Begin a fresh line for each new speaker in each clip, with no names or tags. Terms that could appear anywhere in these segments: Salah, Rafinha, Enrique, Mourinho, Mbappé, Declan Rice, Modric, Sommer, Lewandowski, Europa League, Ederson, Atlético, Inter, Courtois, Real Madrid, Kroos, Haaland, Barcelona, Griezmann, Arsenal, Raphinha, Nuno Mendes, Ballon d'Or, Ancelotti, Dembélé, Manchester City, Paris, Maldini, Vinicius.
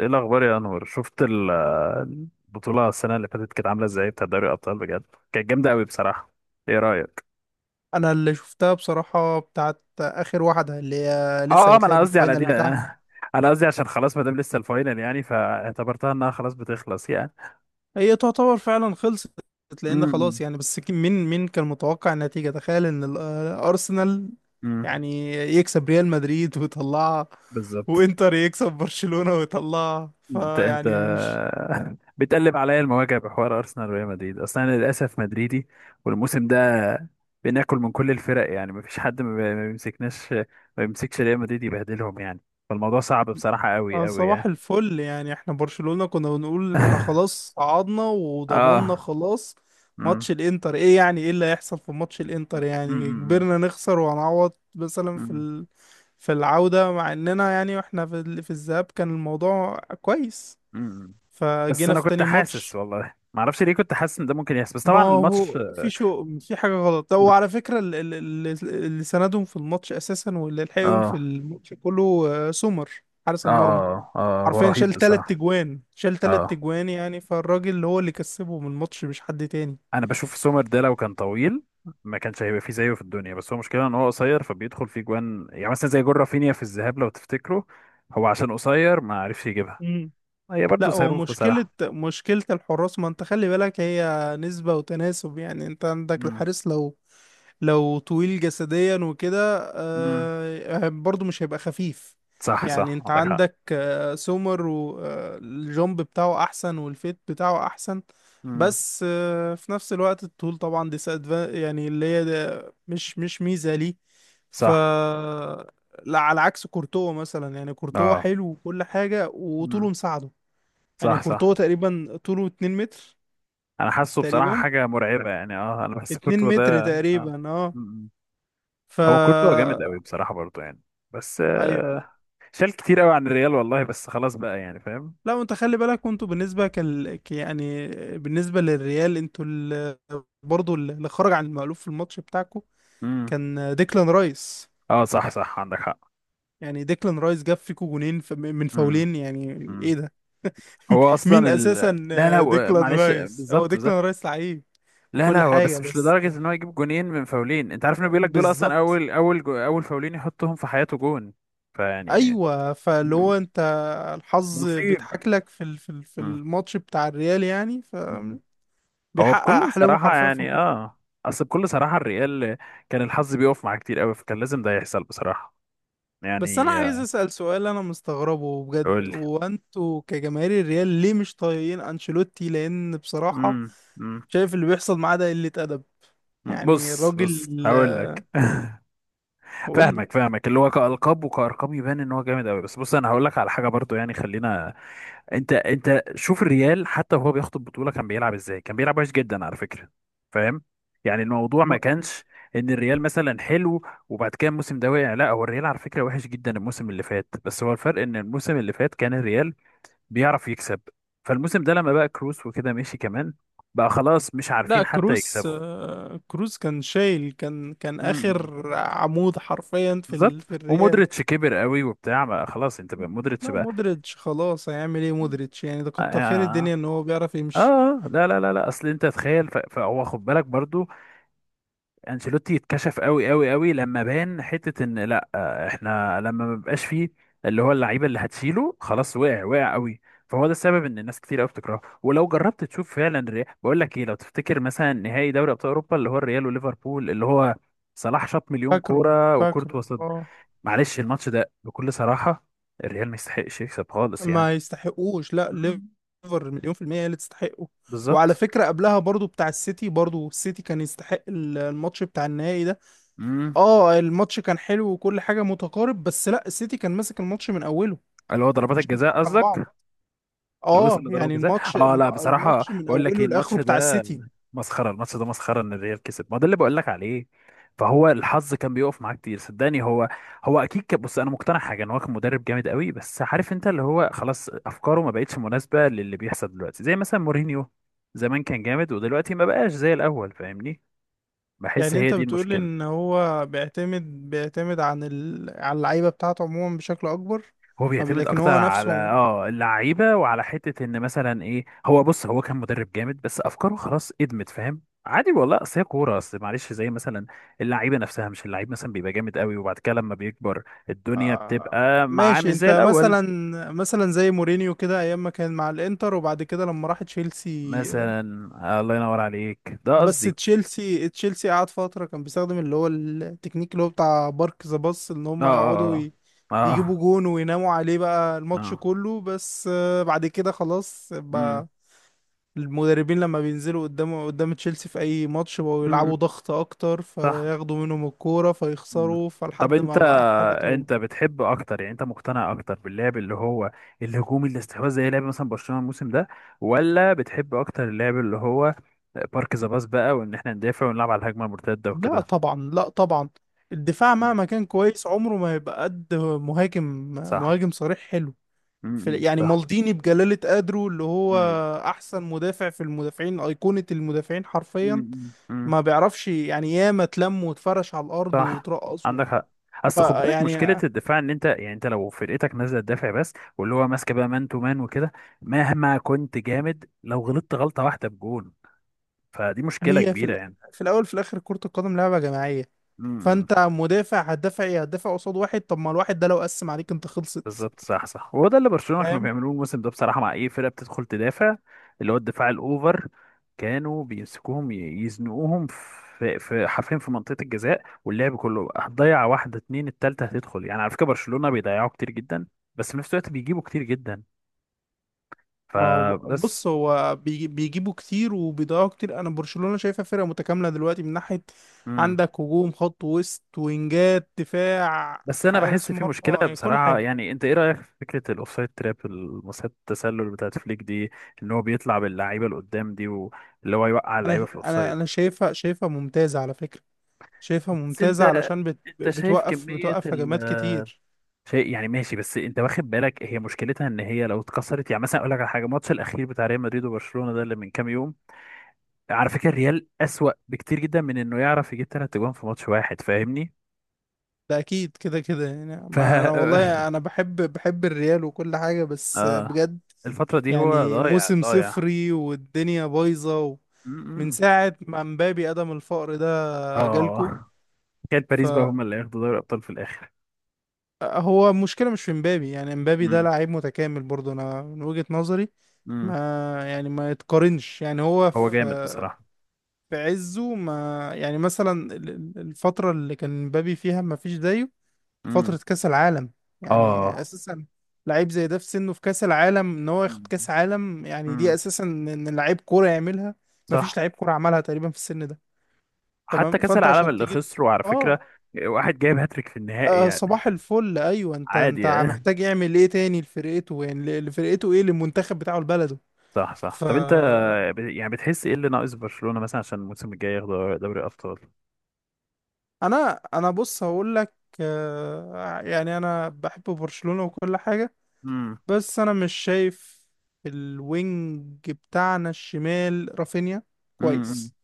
ايه الاخبار يا انور شفت البطوله السنه اللي فاتت كانت عامله ازاي بتاع دوري الابطال بجد؟ كانت جامده قوي بصراحه. ايه رايك؟
انا اللي شفتها بصراحة بتاعت اخر واحدة اللي هي لسه
اه، ما انا
هيتلعب
قصدي على
الفاينل
دي
بتاعها.
انا قصدي عشان خلاص ما دام لسه الفاينل يعني فاعتبرتها انها خلاص بتخلص يعني.
هي تعتبر فعلا خلصت، لان خلاص
امم
يعني. بس مين كان متوقع النتيجة؟ تخيل ان ارسنال
امم
يعني يكسب ريال مدريد ويطلعها،
بالظبط.
وانتر يكسب برشلونة ويطلعها،
انت
فيعني مش...
بتقلب عليا المواجع بحوار ارسنال وريال مدريد، اصلا انا للاسف مدريدي، والموسم ده بناكل من كل الفرق يعني، مفيش حد ما بيمسكناش، ما بيمسكش ريال مدريد يبهدلهم يعني. فالموضوع صعب بصراحة قوي قوي يعني.
صباح الفل، يعني احنا برشلونة كنا بنقول احنا خلاص صعدنا وضمننا
اه.
خلاص.
مم.
ماتش الانتر ايه؟ يعني ايه اللي هيحصل في ماتش الانتر؟ يعني
مم.
كبرنا نخسر وهنعوض مثلا في
مم.
في العودة، مع اننا يعني واحنا في في الذهاب كان الموضوع كويس،
مم. بس
فجينا
انا
في
كنت
تاني
حاسس،
ماتش.
والله ما اعرفش ليه كنت حاسس ان ده ممكن يحصل، بس
ما
طبعا الماتش
هو في شو، في حاجة غلط. طب وعلى فكرة اللي سندهم في الماتش اساسا واللي لحقهم في
اه
الماتش كله سومر، حارس المرمى.
اه هو
حرفيا
رهيب
شال تلات
بصراحة.
تجوان، شال تلات
اه،
تجوان، يعني فالراجل هو اللي كسبه من الماتش، مش حد تاني.
انا بشوف سومر ده لو كان طويل ما كانش هيبقى فيه زيه في الدنيا، بس هو مشكلة ان هو قصير فبيدخل فيه جوان، يعني مثلا زي جون رافينيا في الذهاب لو تفتكروا، هو عشان قصير ما عرفش يجيبها.
امم
هي برضه
لا، هو
صاروخ
مشكلة
بصراحة.
مشكلة الحراس، ما انت خلي بالك، هي نسبة وتناسب. يعني انت عندك
امم
الحارس لو طويل جسديا وكده،
امم
برضه مش هيبقى خفيف.
صح
يعني
صح
انت
عندك حق.
عندك سومر، والجومب بتاعه احسن، والفيت بتاعه احسن،
امم.
بس في نفس الوقت الطول طبعا دي يعني اللي هي ده مش مش ميزة ليه. ف
صح.
لا، على عكس كورتوا مثلا، يعني كورتوا
اه.
حلو وكل حاجة، وطوله
امم.
مساعده. يعني
صح صح.
كورتوا تقريبا طوله 2 متر
انا حاسه بصراحة
تقريبا،
حاجة مرعبة يعني، اه انا بحس كورتوا ده
2 متر
آه.
تقريبا، اه.
مم.
ف
هو كورتوا جامد قوي بصراحة برضه يعني. بس
ايوه.
آه، شال كتير قوي عن الريال والله، بس خلاص بقى يعني، فاهم.
لا، وانت خلي بالك، وانتوا بالنسبة يعني بالنسبة للريال، انتوا برضو اللي خرج عن المألوف في الماتش بتاعكم
امم.
كان ديكلان رايس.
اه صح صح عندك حق.
يعني ديكلان رايس جاب فيكو جونين من
مم.
فاولين، يعني ايه
مم.
ده؟
هو اصلا
مين اساسا؟
لا لا و-
ديكلان
معلش،
رايس هو
بالظبط بالظبط.
ديكلان رايس لعيب
لا لا،
وكل
هو
حاجة،
بس مش
بس
لدرجه ان هو يجيب جونين من فاولين، انت عارف انه بيقول لك دول اصلا
بالظبط.
اول فاولين يحطهم في حياته جون. فيعني
ايوه، فاللي هو انت الحظ
نصيب.
بيضحك لك في في
مم.
الماتش بتاع الريال، يعني
مم.
فبيحقق
هو بكل
احلامه
صراحه
حرفيا في
يعني
الماتش.
اه، اصل بكل صراحه الريال كان الحظ بيقف معاه كتير قوي، فكان لازم ده يحصل بصراحه
بس انا
يعني
عايز
آه،
اسال سؤال، انا مستغربه بجد،
قول لي.
وانتوا كجماهير الريال ليه مش طايقين انشيلوتي؟ لان بصراحة
مم. مم.
شايف اللي بيحصل معاه ده قلة ادب، يعني
بص
الراجل.
بص هقول لك.
وقول لي.
فاهمك اللي هو كألقاب وكأرقام يبان ان هو جامد قوي، بس بص انا هقول لك على حاجه برضو، يعني خلينا، انت شوف الريال حتى وهو بياخد البطوله كان بيلعب ازاي، كان بيلعب وحش جدا على فكره، فاهم؟ يعني الموضوع ما
ما-
كانش ان الريال مثلا حلو وبعد كده الموسم ده وقع، لا، هو الريال على فكره وحش جدا الموسم اللي فات، بس هو الفرق ان الموسم اللي فات كان الريال بيعرف يكسب، فالموسم ده لما بقى كروس وكده ماشي كمان، بقى خلاص مش
لا،
عارفين حتى
كروس،
يكسبوا.
كروس كان شايل، كان
امم.
اخر عمود حرفيا في
بالظبط،
في الريال.
ومودريتش كبر قوي وبتاع، ما خلاص انت بقى مودريتش
لا،
بقى.
مودريتش خلاص هيعمل ايه؟ مودريتش يعني ده
اه
كتر خير
اه.
الدنيا ان هو بيعرف يمشي.
آه، لا، اصل انت تخيل، فهو خد بالك برضو، انشيلوتي اتكشف قوي قوي قوي لما بان حته ان، لا آه، احنا لما ما بيبقاش فيه اللي هو اللعيبه اللي هتشيله خلاص، وقع وقع قوي. فهو ده السبب ان الناس كتير قوي بتكرهه، ولو جربت تشوف فعلا الريال، بقول لك ايه، لو تفتكر مثلا نهائي دوري ابطال اوروبا اللي هو الريال وليفربول، اللي هو صلاح شاط مليون
فاكره
كوره
فاكره
وكورتوا صد،
اه.
معلش الماتش ده بكل صراحه الريال ما يستحقش يكسب خالص يعني.
ما يستحقوش، لا،
مم.
ليفر مليون في المية هي اللي تستحقه. وعلى
بالظبط.
فكرة قبلها برضو بتاع السيتي، برضو السيتي كان يستحق الماتش بتاع النهائي ده.
مم.
اه، الماتش كان حلو وكل حاجة متقارب، بس لا، السيتي كان ماسك الماتش من اوله،
اللي هو ضربات
مش
الجزاء
بيضحك على بعض.
قصدك؟ اللي وصل
اه
لضربة
يعني
جزاء؟
الماتش،
اه، لا بصراحة
الماتش من
بقول لك ايه
اوله
الماتش
لاخره بتاع
ده،
السيتي.
مسخرة الماتش ده، مسخرة ان الريال كسب، ما ده اللي بقول لك عليه، فهو الحظ كان بيقف معاه كتير صدقني. هو اكيد كان، بص انا مقتنع حاجة ان هو كان مدرب جامد قوي، بس عارف انت اللي هو خلاص افكاره ما بقتش مناسبة للي بيحصل دلوقتي، زي مثلا مورينيو زمان كان جامد، ودلوقتي ما بقاش زي الاول فاهمني، بحس
يعني
هي
انت
دي
بتقول
المشكلة.
ان هو بيعتمد، على اللعيبه بتاعته عموما بشكل اكبر.
هو
ما بي-
بيعتمد
لكن
اكتر
هو
على
نفسه،
اه اللعيبه، وعلى حته ان مثلا ايه، هو بص هو كان مدرب جامد بس افكاره خلاص ادمت، فاهم؟ عادي والله، اصل هي كوره، اصل معلش زي مثلا اللعيبه نفسها، مش اللعيب مثلا بيبقى جامد قوي وبعد كده لما بيكبر الدنيا
آه.
بتبقى معاه مش
ماشي، انت
زي الاول.
مثلا زي مورينيو كده، ايام ما كان مع الانتر، وبعد كده لما راح تشيلسي.
مثلا. آه، الله ينور عليك، ده
بس
قصدي.
تشيلسي قعد فترة كان بيستخدم اللي هو التكنيك اللي هو بتاع بارك ذا باص، ان
اه
هم يقعدوا
اه. اه
يجيبوا جون ويناموا عليه بقى الماتش
اه
كله، بس بعد كده خلاص
اه.
بقى. المدربين لما بينزلوا قدام تشيلسي في اي ماتش بقوا
امم.
يلعبوا ضغط اكتر،
صح.
فياخدوا منهم الكورة
مم.
فيخسروا،
طب
فلحد
انت
ما بقى حالتهم.
انت بتحب اكتر، يعني انت مقتنع اكتر باللعب اللي هو الهجومي الاستحواذ زي لعب مثلا برشلونة الموسم ده، ولا بتحب اكتر اللعب اللي هو بارك ذا باس بقى، وان احنا ندافع ونلعب على الهجمة المرتدة
لا
وكده؟
طبعا، لا طبعا، الدفاع
مم.
مهما كان كويس عمره ما هيبقى قد مهاجم،
صح.
مهاجم صريح حلو. في
امم.
يعني
صح.
مالديني بجلالة قدره، اللي هو
امم.
أحسن مدافع في المدافعين، أيقونة المدافعين حرفيا،
امم
ما بيعرفش يعني، ياما اتلم واتفرش على الأرض
صح
وترقص
عندك حق. اصل خد بالك مشكله
فيعني.
الدفاع ان انت يعني، انت لو فرقتك نازله تدافع بس، واللي هو ماسكه بقى مان تو مان وكده، مهما كنت جامد لو غلطت غلطه واحده بجون، فدي مشكله
هي في
كبيره يعني.
في الأول، في الآخر، كرة القدم لعبة جماعية.
مم.
فأنت مدافع، هتدافع إيه؟ هتدافع قصاد واحد؟ طب ما الواحد ده لو قسم عليك أنت خلصت.
بالظبط صح صح، وهو ده اللي برشلونة كانوا
فاهم؟
بيعملوه الموسم ده بصراحة، مع أي فرقة بتدخل تدافع اللي هو الدفاع الأوفر، كانوا بيمسكوهم يزنقوهم في حرفيا في منطقة الجزاء، واللعب كله هتضيع واحدة اتنين التالتة هتدخل، يعني على فكرة برشلونة بيضيعوا كتير جدا، بس في نفس الوقت بيجيبوا كتير جدا،
ما هو
فبس.
بص، هو بيجيبوا كتير وبيضيعوا كتير. انا برشلونة شايفها فرقة متكاملة دلوقتي، من ناحية
مم.
عندك هجوم، خط وسط، وينجات، دفاع،
بس أنا بحس
حارس
في
مرمى،
مشكلة
يعني كل
بصراحة،
حاجة.
يعني أنت إيه رأيك في فكرة الأوفسايد تراب المصيدة التسلل بتاعت فليك دي، إن هو بيطلع باللعيبة اللي قدام دي واللي هو يوقع اللعيبة
انا
في
انا
الأوفسايد؟
انا شايفها ممتازة على فكرة، شايفها
بس
ممتازة
انت
علشان
انت شايف
بتوقف
كمية
بتوقف هجمات
ال،
كتير.
شيء، يعني ماشي، بس انت واخد بالك هي مشكلتها ان هي لو اتكسرت، يعني مثلا اقول لك على حاجة، الماتش الاخير بتاع ريال مدريد وبرشلونة ده اللي من كام يوم، على فكرة الريال اسوأ بكتير جدا من انه يعرف يجيب ثلاث اجوان في ماتش واحد، فاهمني؟
ده اكيد كده يعني،
ف
ما انا والله انا بحب الريال وكل حاجة، بس
اه،
بجد.
الفترة دي هو
يعني
ضايع
موسم
ضايع
صفري والدنيا بايظة من
امم.
ساعة ما مبابي قدم الفقر، جالكو.
اه، كانت باريس بقى هم اللي ياخدوا دوري الابطال في الاخر.
فهو المشكلة مش في مبابي، يعني مبابي ده
امم
لعيب متكامل برضه، أنا من وجهة نظري.
امم
ما يعني ما يتقارنش، يعني هو
هو
في،
جامد بصراحة.
في عزه ما. يعني مثلا الفترة اللي كان مبابي فيها ما فيش زيه،
امم
فترة كأس العالم. يعني
اه.
أساسا لعيب زي ده في سنه، في كأس العالم إن هو ياخد
امم
كأس عالم، يعني دي
امم
أساسا إن لعيب كورة يعملها. ما
صح.
فيش لعيب كورة عملها تقريبا في السن ده.
حتى
تمام،
كأس
فأنت
العالم
عشان
اللي
تيجي،
خسره على فكرة،
اه.
واحد جايب هاتريك في النهائي يعني،
صباح الفل، ايوه، انت
عادي
انت
يعني.
محتاج يعمل ايه تاني لفرقته؟ يعني لفرقته، ايه، للمنتخب بتاعه، لبلده.
صح صح.
ف
طب انت، يعني بتحس ايه اللي ناقص برشلونة مثلا عشان الموسم الجاي ياخد دوري الابطال؟
انا بص هقول لك. يعني انا بحب برشلونة وكل حاجة،
امم
بس انا مش شايف الوينج بتاعنا الشمال رافينيا
امم
كويس.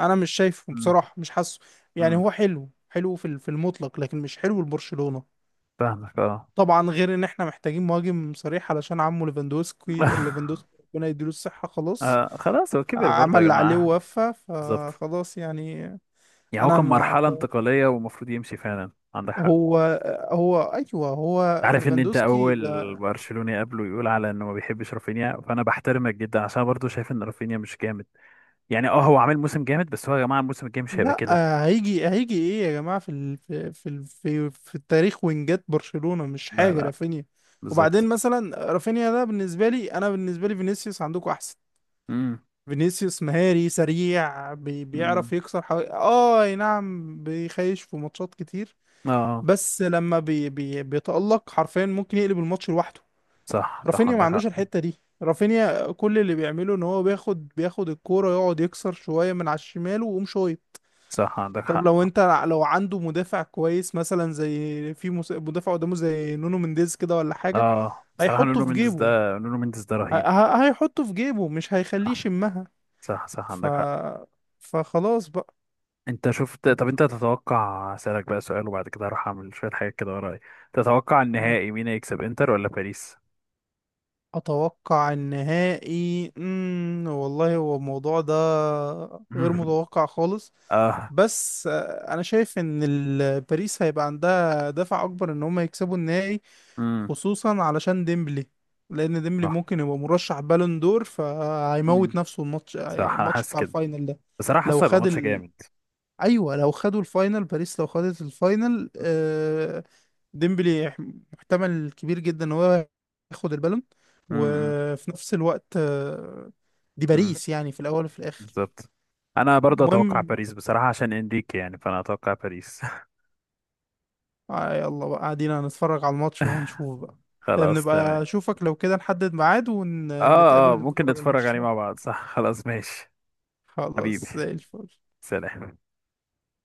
انا مش شايفه
امم
بصراحة، مش حاسه، يعني
امم
هو حلو، حلو في في المطلق، لكن مش حلو لبرشلونة.
فاهمك اه.
طبعا غير ان احنا محتاجين مهاجم صريح، علشان عمه ليفاندوسكي، ليفاندوسكي ربنا يديله الصحة خلاص،
آه، خلاص هو كبر
عمل
برضه يا
اللي عليه
جماعة.
ووفى،
بالظبط،
فخلاص يعني.
يعني هو
انا
كان
ما
مرحلة
أعت-
انتقالية ومفروض يمشي فعلا عندك حق.
هو هو ايوه هو
عارف ان انت
ليفاندوسكي
اول
ده.
برشلوني قبله يقول على انه ما بيحبش رافينيا، فانا بحترمك جدا عشان برضه شايف ان رافينيا مش جامد، يعني اه هو عامل موسم جامد بس هو يا جماعة الموسم الجاي مش هيبقى
لا،
كده.
هيجي ايه يا جماعه؟ في ال... في في ال... في في التاريخ وينجات برشلونه مش
لا
حاجه
لا
رافينيا.
بالظبط.
وبعدين مثلا رافينيا ده بالنسبه لي، انا بالنسبه لي فينيسيوس عندكم احسن.
امم
فينيسيوس مهاري سريع،
امم
بيعرف يكسر حوالي، اه، أي نعم، بيخيش في ماتشات كتير،
اه
بس لما بي بي بيتألق حرفيا ممكن يقلب الماتش لوحده.
صح صح
رافينيا ما
عندك
عندوش
حق.
الحتة دي، رافينيا كل اللي بيعمله ان هو بياخد الكورة، يقعد يكسر شوية من على الشمال ويقوم شوية.
صح عندك
طب لو
حق.
انت، لو عنده مدافع كويس مثلا زي في مدافع قدامه زي نونو مينديز كده ولا حاجة،
اه، بصراحة
هيحطه
نونو
في
مينديز ده،
جيبه.
نونو مينديز ده رهيب.
هيحطه في جيبه، مش هيخليه
صح.
يشمها.
صح صح
ف
عندك حق.
فخلاص بقى.
انت شفت، طب انت تتوقع، اسألك بقى سؤال وبعد كده هروح اعمل شوية حاجات كده ورايا، تتوقع النهائي مين هيكسب، انتر ولا باريس؟
اتوقع النهائي، والله هو الموضوع ده غير
مم.
متوقع خالص.
اه.
بس انا شايف ان باريس هيبقى عندها دافع اكبر ان هم يكسبوا النهائي،
امم.
خصوصا علشان ديمبلي. لان ديمبلي
اه.
ممكن يبقى مرشح بالون دور،
امم.
فهيموت نفسه الماتش،
صح انا
الماتش
حاسس
بتاع
كده،
الفاينل ده.
بصراحة
لو
حاسه هيبقى
خد
ماتش جامد.
ايوه، لو خدوا الفاينل، باريس لو خدت الفاينل، ديمبلي محتمل كبير جدا ان هو ياخد البالون.
امم
وفي نفس الوقت، دي
امم
باريس يعني، في الاول وفي الاخر.
بالظبط. انا برضه اتوقع
المهم،
باريس بصراحة عشان انريكي، يعني فانا اتوقع باريس.
يلا بقى، قاعدين هنتفرج على الماتش وهنشوف بقى.
خلاص
بنبقى
تمام.
اشوفك، لو كده نحدد ميعاد
اه
ونتقابل
اه، ممكن
نتفرج على
نتفرج
الماتش
عليه
سوا.
مع بعض، صح، خلاص ماشي. حبيبي،
خلاص زي الفل.
سلام.